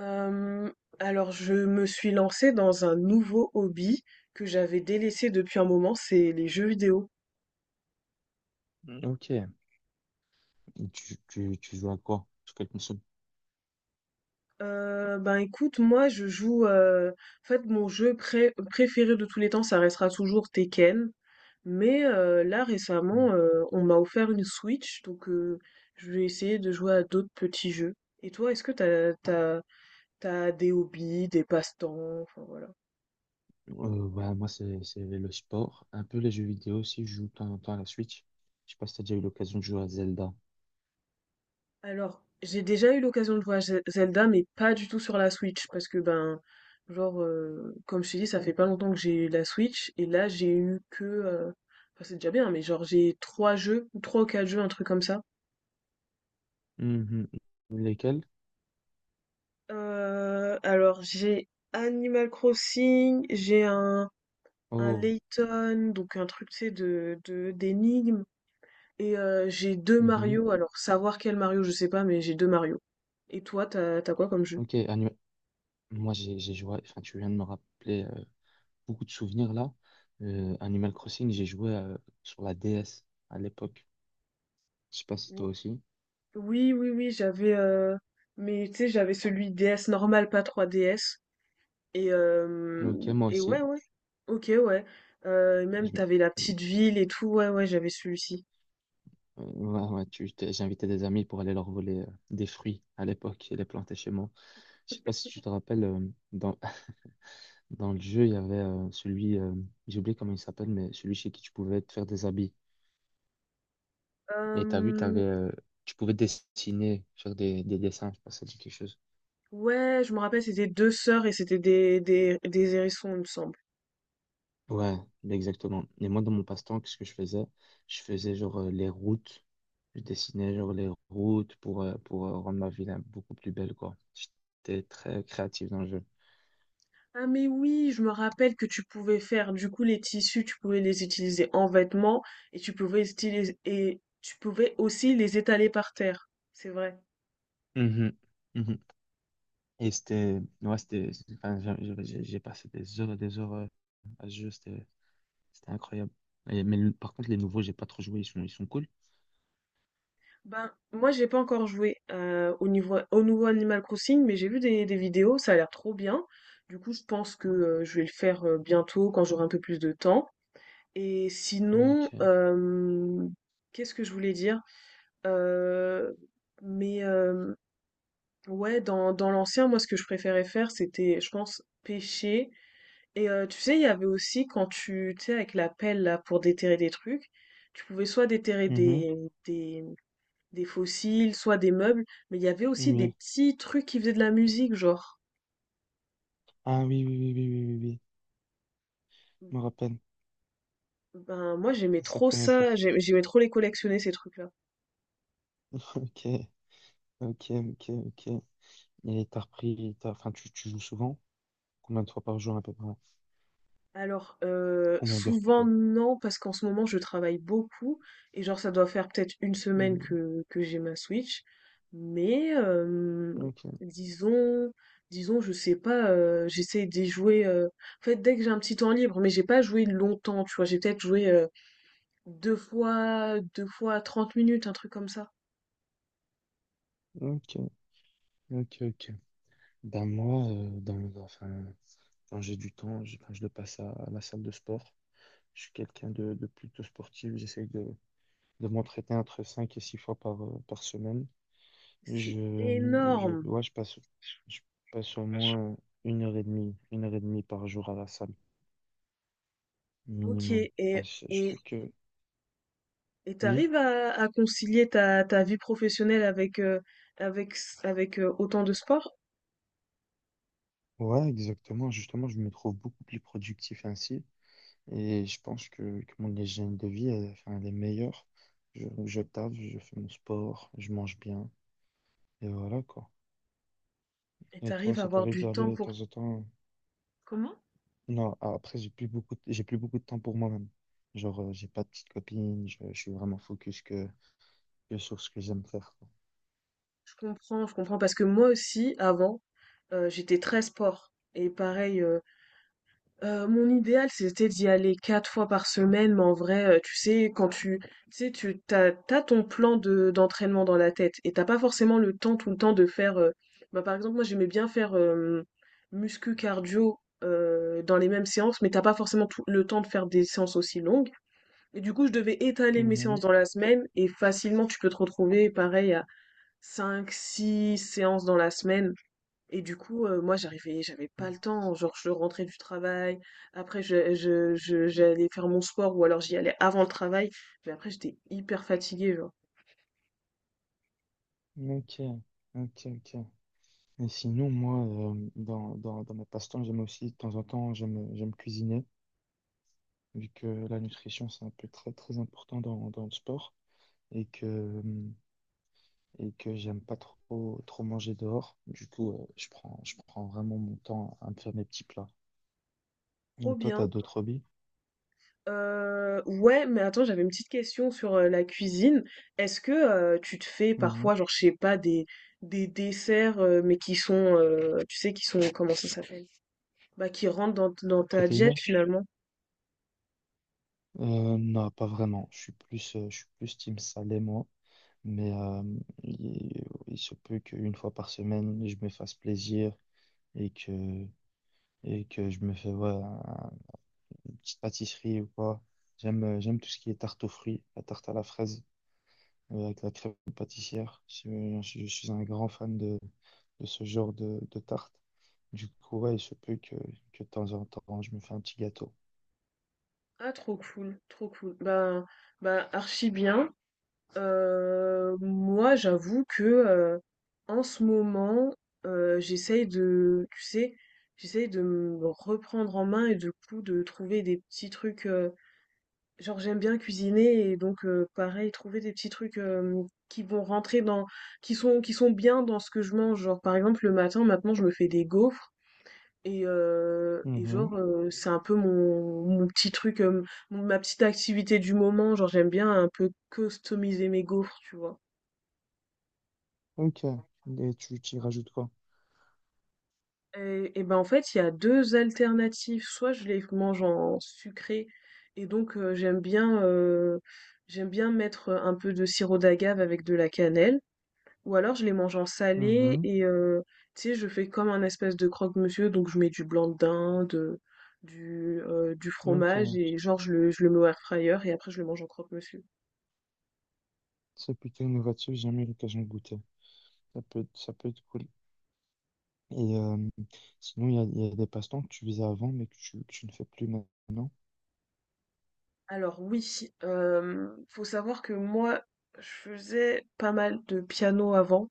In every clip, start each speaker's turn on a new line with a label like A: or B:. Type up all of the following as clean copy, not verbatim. A: Euh, alors, je me suis lancée dans un nouveau hobby que j'avais délaissé depuis un moment, c'est les jeux vidéo.
B: Ok. Et tu joues à quoi? Sur quelle console?
A: Ben écoute, moi je joue. En fait, mon jeu préféré de tous les temps, ça restera toujours Tekken. Mais là
B: Hmm.
A: récemment, on m'a offert une Switch, donc je vais essayer de jouer à d'autres petits jeux. Et toi, est-ce que t'as des hobbies, des passe-temps, enfin, voilà.
B: Moi, c'est le sport. Un peu les jeux vidéo aussi. Je joue de temps en temps à la Switch. Je sais pas si t'as déjà eu l'occasion de jouer à Zelda.
A: Alors, j'ai déjà eu l'occasion de jouer à Zelda, mais pas du tout sur la Switch, parce que ben, genre, comme je t'ai dit, ça fait pas longtemps que j'ai eu la Switch, et là j'ai eu que, enfin c'est déjà bien, mais genre j'ai trois jeux, ou trois ou quatre jeux, un truc comme ça.
B: Mhm. Lesquels?
A: Alors j'ai Animal Crossing, j'ai un
B: Oh.
A: Layton, donc un truc tu sais de d'énigmes, et j'ai deux
B: Mhm.
A: Mario. Alors savoir quel Mario, je sais pas, mais j'ai deux Mario. Et toi, t'as quoi comme jeu?
B: Ok. Moi, j'ai joué. Enfin, tu viens de me rappeler beaucoup de souvenirs là. Animal Crossing, j'ai joué sur la DS à l'époque. Je sais pas si toi aussi.
A: Oui, oui, oui, j'avais, mais tu sais, j'avais celui DS normal, pas 3DS. Et,
B: Ok,
A: euh,
B: moi
A: et ouais,
B: aussi.
A: ouais. Ok, ouais. Et même, t'avais la
B: Je,
A: petite ville et tout. Ouais, ouais, j'avais celui-ci.
B: Ouais, ouais, j'invitais des amis pour aller leur voler des fruits à l'époque et les planter chez moi. Je sais pas si tu te rappelles, dans, dans le jeu, il y avait celui, j'ai oublié comment il s'appelle, mais celui chez qui tu pouvais te faire des habits. Et t'as vu, t'avais,
A: Euh,
B: tu pouvais dessiner, faire des dessins, je sais pas si ça dit quelque chose.
A: ouais, je me rappelle, c'était deux sœurs et c'était des hérissons, il me semble.
B: Ouais, exactement. Et moi, dans mon passe-temps, qu'est-ce que je faisais? Je faisais genre les routes. Je dessinais genre les routes pour rendre ma ville beaucoup plus belle, quoi. J'étais très créatif dans le jeu.
A: Ah, mais oui, je me rappelle que tu pouvais faire, du coup, les tissus, tu pouvais les utiliser en vêtements et et tu pouvais aussi les étaler par terre. C'est vrai.
B: Mhm, mhm. Et c'était, ouais, c'était, enfin, j'ai passé des heures et des heures à ce jeu, c'était incroyable. Par contre, les nouveaux, j'ai pas trop joué, ils sont cool.
A: Ben, moi, j'ai pas encore joué au nouveau Animal Crossing, mais j'ai vu des vidéos, ça a l'air trop bien. Du coup, je pense que je vais le faire bientôt quand j'aurai un peu plus de temps. Et sinon,
B: Donc,
A: qu'est-ce que je voulais dire? Euh, mais ouais, dans l'ancien, moi, ce que je préférais faire, c'était, je pense, pêcher. Et tu sais, il y avait aussi quand tu sais, avec la pelle là pour déterrer des trucs, tu pouvais soit déterrer
B: Mhm,
A: des fossiles, soit des meubles, mais il y avait aussi des
B: oui.
A: petits trucs qui faisaient de la musique, genre.
B: Ah oui, oui, oui, oui, oui, oui, oui. Je me rappelle.
A: Ben, moi, j'aimais
B: C'est ça que
A: trop
B: t'aimais
A: ça,
B: faire.
A: j'aimais trop les collectionner, ces trucs-là.
B: Ok, ok, ok, ok. Et enfin, tu joues souvent? Combien de fois par jour à peu près?
A: Alors,
B: Combien d'heures
A: souvent,
B: plutôt?
A: non, parce qu'en ce moment, je travaille beaucoup, et genre, ça doit faire peut-être une semaine
B: Mhm,
A: que j'ai ma Switch, mais,
B: ok,
A: disons, disons, je sais pas, j'essaie d'y jouer, en fait, dès que j'ai un petit temps libre, mais j'ai pas joué longtemps, tu vois, j'ai peut-être joué deux fois 30 minutes, un truc comme ça.
B: ok, ok, ok. Ben moi, dans enfin, quand j'ai du temps, quand je le passe à la salle de sport, je suis quelqu'un de plutôt sportif. J'essaye de de, m'entraîner entre 5 et 6 fois par semaine.
A: C'est
B: Je,
A: énorme!
B: ouais, je passe au moins une heure et demie, une heure et demie par jour à la salle,
A: OK
B: minimum. Enfin, je
A: et
B: trouve que
A: et
B: oui,
A: t'arrives à concilier ta vie professionnelle avec, autant de sport?
B: ouais, exactement. Justement, je me trouve beaucoup plus productif ainsi. Et je pense que mon hygiène de vie, elle, enfin, elle est meilleure. Je taffe, je fais mon sport, je mange bien. Et voilà, quoi.
A: Et
B: Et toi,
A: t'arrives à
B: ça
A: avoir
B: t'arrive d'y
A: du
B: aller
A: temps
B: de
A: pour.
B: temps en temps?
A: Comment?
B: Non, après, j'ai plus beaucoup de... j'ai plus beaucoup de temps pour moi-même. Genre, j'ai pas de petite copine, je suis vraiment focus que sur ce que j'aime faire, quoi.
A: Je comprends parce que moi aussi avant, j'étais très sport et pareil, mon idéal, c'était d'y aller 4 fois par semaine, mais en vrai, tu sais, quand tu sais, tu tu as tu ton plan de d'entraînement dans la tête et t'as pas forcément le temps tout le temps de faire, bah, par exemple, moi, j'aimais bien faire, muscu, cardio, dans les mêmes séances, mais t'as pas forcément tout le temps de faire des séances aussi longues et du coup, je devais étaler mes séances
B: Mhm.
A: dans la semaine et facilement, tu peux te retrouver pareil à cinq, six séances dans la semaine. Et du coup, moi j'avais pas le temps, genre je rentrais du travail, après je j'allais faire mon sport ou alors j'y allais avant le travail, mais après j'étais hyper fatiguée, genre.
B: Ok, ok, ok. Et sinon, moi, dans mes passe-temps, j'aime aussi, de temps en temps, j'aime cuisiner, vu que la nutrition, c'est un peu très important dans le sport et que, euh, et que j'aime pas trop manger dehors. Du coup, je prends vraiment mon temps à me faire mes petits plats. Et
A: Trop
B: toi, t'as
A: bien.
B: d'autres hobbies?
A: Ouais, mais attends, j'avais une petite question sur, la cuisine. Est-ce que, tu te fais
B: Mhm.
A: parfois, genre, je sais pas, des desserts, mais qui sont, tu sais, qui sont comment ça s'appelle? Bah, qui rentre dans ta jet
B: Protéiné?
A: finalement.
B: Non, pas vraiment. Je suis plus team salé, moi. Mais il, il se peut qu'une fois par semaine, je me fasse plaisir et que, et que je me fais ouais, une petite pâtisserie ou quoi. J'aime tout ce qui est tarte aux fruits, la tarte à la fraise avec la crème pâtissière. Je suis un grand fan de ce genre de tarte. Du coup, ouais, il se peut que de temps en temps, je me fais un petit gâteau.
A: Ah, trop cool, trop cool. Bah, archi bien. Moi, j'avoue que en ce moment, euh, j'essaye de, tu sais, j'essaye de me reprendre en main et du coup de trouver des petits trucs. Genre, j'aime bien cuisiner et donc pareil, trouver des petits trucs qui vont rentrer dans, qui sont bien dans ce que je mange. Genre, par exemple, le matin, maintenant, je me fais des gaufres. Et genre, c'est un peu mon petit truc, mon ma petite activité du moment. Genre, j'aime bien un peu customiser mes gaufres, tu vois?
B: Ok. Et tu y rajoutes quoi?
A: Et ben, en fait, il y a 2 alternatives. Soit je les mange en sucré et donc j'aime bien mettre, un peu de sirop d'agave avec de la cannelle. Ou alors je les mange en salé
B: Mhm.
A: et tu sais, je fais comme un espèce de croque-monsieur, donc je mets du blanc de dinde, du fromage
B: Ok.
A: et genre je le mets au airfryer et après je le mange en croque-monsieur.
B: C'est plutôt innovatif, j'ai jamais eu l'occasion de goûter. Ça peut être cool. Et sinon, il y a des passe-temps que tu faisais avant, mais que tu ne fais plus maintenant.
A: Alors oui, faut savoir que moi, je faisais pas mal de piano avant,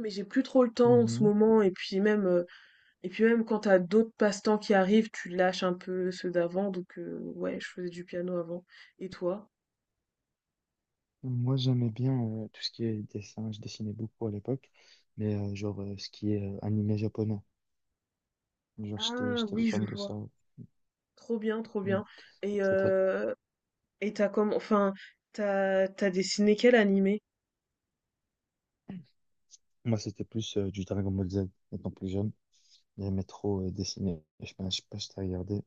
A: mais j'ai plus trop le temps en ce
B: Mhm.
A: moment et puis même quand t'as d'autres passe-temps qui arrivent, tu lâches un peu ceux d'avant donc ouais, je faisais du piano avant. Et toi?
B: Moi, j'aimais bien tout ce qui est dessin. Je dessinais beaucoup à l'époque, mais ce qui est animé japonais. Genre,
A: Ah
B: j'étais
A: oui, je
B: fan de
A: vois.
B: ça.
A: Trop bien, trop
B: Mm.
A: bien. Et
B: Ça tra-
A: heu et enfin, t'as dessiné quel animé?
B: Moi, c'était plus du Dragon Ball Z, étant plus jeune. J'aimais trop dessiner. Je sais pas si t'as regardé.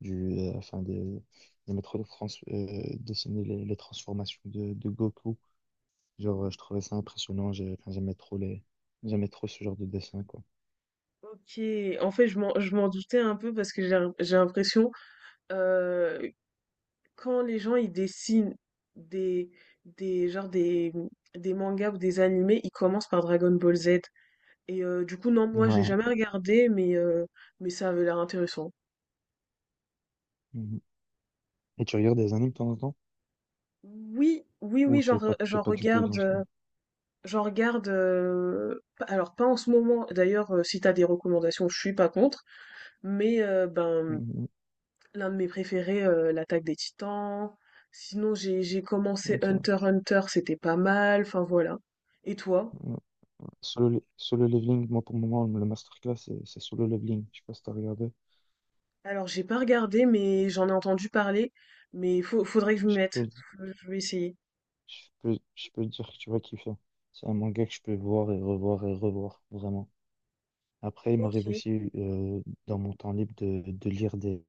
B: du, euh, enfin de, de dessiner les transformations de Goku. Genre, je trouvais ça impressionnant. J'aimais trop les, j'aimais trop ce genre de dessin, quoi.
A: OK, en fait, je m'en doutais un peu parce que j'ai l'impression, heu, quand les gens, ils dessinent des des genre des mangas ou des animés, ils commencent par Dragon Ball Z et du coup, non, moi, j'ai
B: Ouais.
A: jamais regardé mais mais ça avait l'air intéressant.
B: Mhm. Et tu regardes des animes de temps en temps?
A: Oui, oui, oui,
B: Ou t'es
A: j'en
B: pas du tout dans ce
A: regarde.
B: monde?
A: J'en regarde, p alors pas en ce moment, d'ailleurs, si t'as des recommandations, je suis pas contre, mais ben,
B: Mhm.
A: l'un de mes préférés, L'attaque des Titans. Sinon j'ai commencé Hunter
B: Ok.
A: x Hunter, c'était pas mal, enfin voilà. Et toi?
B: Ouais. Solo leveling, moi pour le moment, le masterclass, c'est solo leveling. Je sais pas si t'as regardé.
A: Alors j'ai pas regardé, mais j'en ai entendu parler, mais faut faudrait que je m'y
B: Je
A: mette.
B: peux,
A: Faut, je vais essayer.
B: je peux dire que tu vas kiffer. C'est un manga que je peux voir et revoir, vraiment. Après, il m'arrive
A: OK,
B: aussi dans mon temps libre de lire des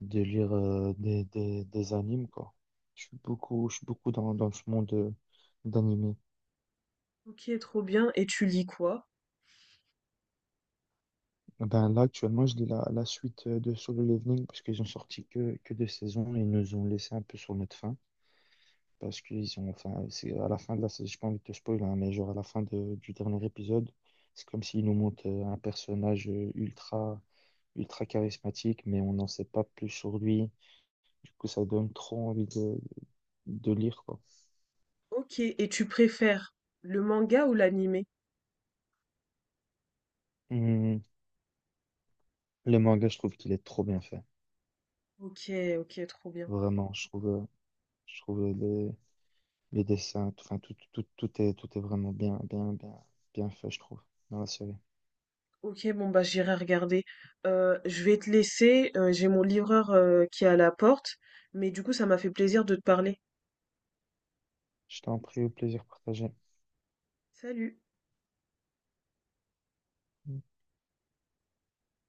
B: des animes quoi. Je suis beaucoup dans ce monde d'animé.
A: OK, trop bien et tu lis quoi?
B: Ben là actuellement je lis la suite de Solo Leveling parce qu'ils ont sorti que deux saisons et ils nous ont laissé un peu sur notre faim parce qu'ils ont enfin c'est à la fin de la saison, j'ai pas envie de te spoiler hein, mais genre à la du dernier épisode c'est comme s'ils nous montrent un personnage ultra charismatique mais on n'en sait pas plus sur lui. Du coup, ça donne trop envie de lire, quoi.
A: OK et tu préfères le manga ou l'animé?
B: Hum, Le manga, je trouve qu'il est trop bien fait.
A: OK, OK, trop bien.
B: Vraiment, je trouve les, enfin, tout est vraiment bien, bien fait, je trouve, dans la série.
A: Ok, bon bah j'irai regarder. Je vais te laisser, j'ai mon livreur qui est à la porte, mais du coup ça m'a fait plaisir de te parler.
B: Je t'en prie, au plaisir partagé.
A: Salut.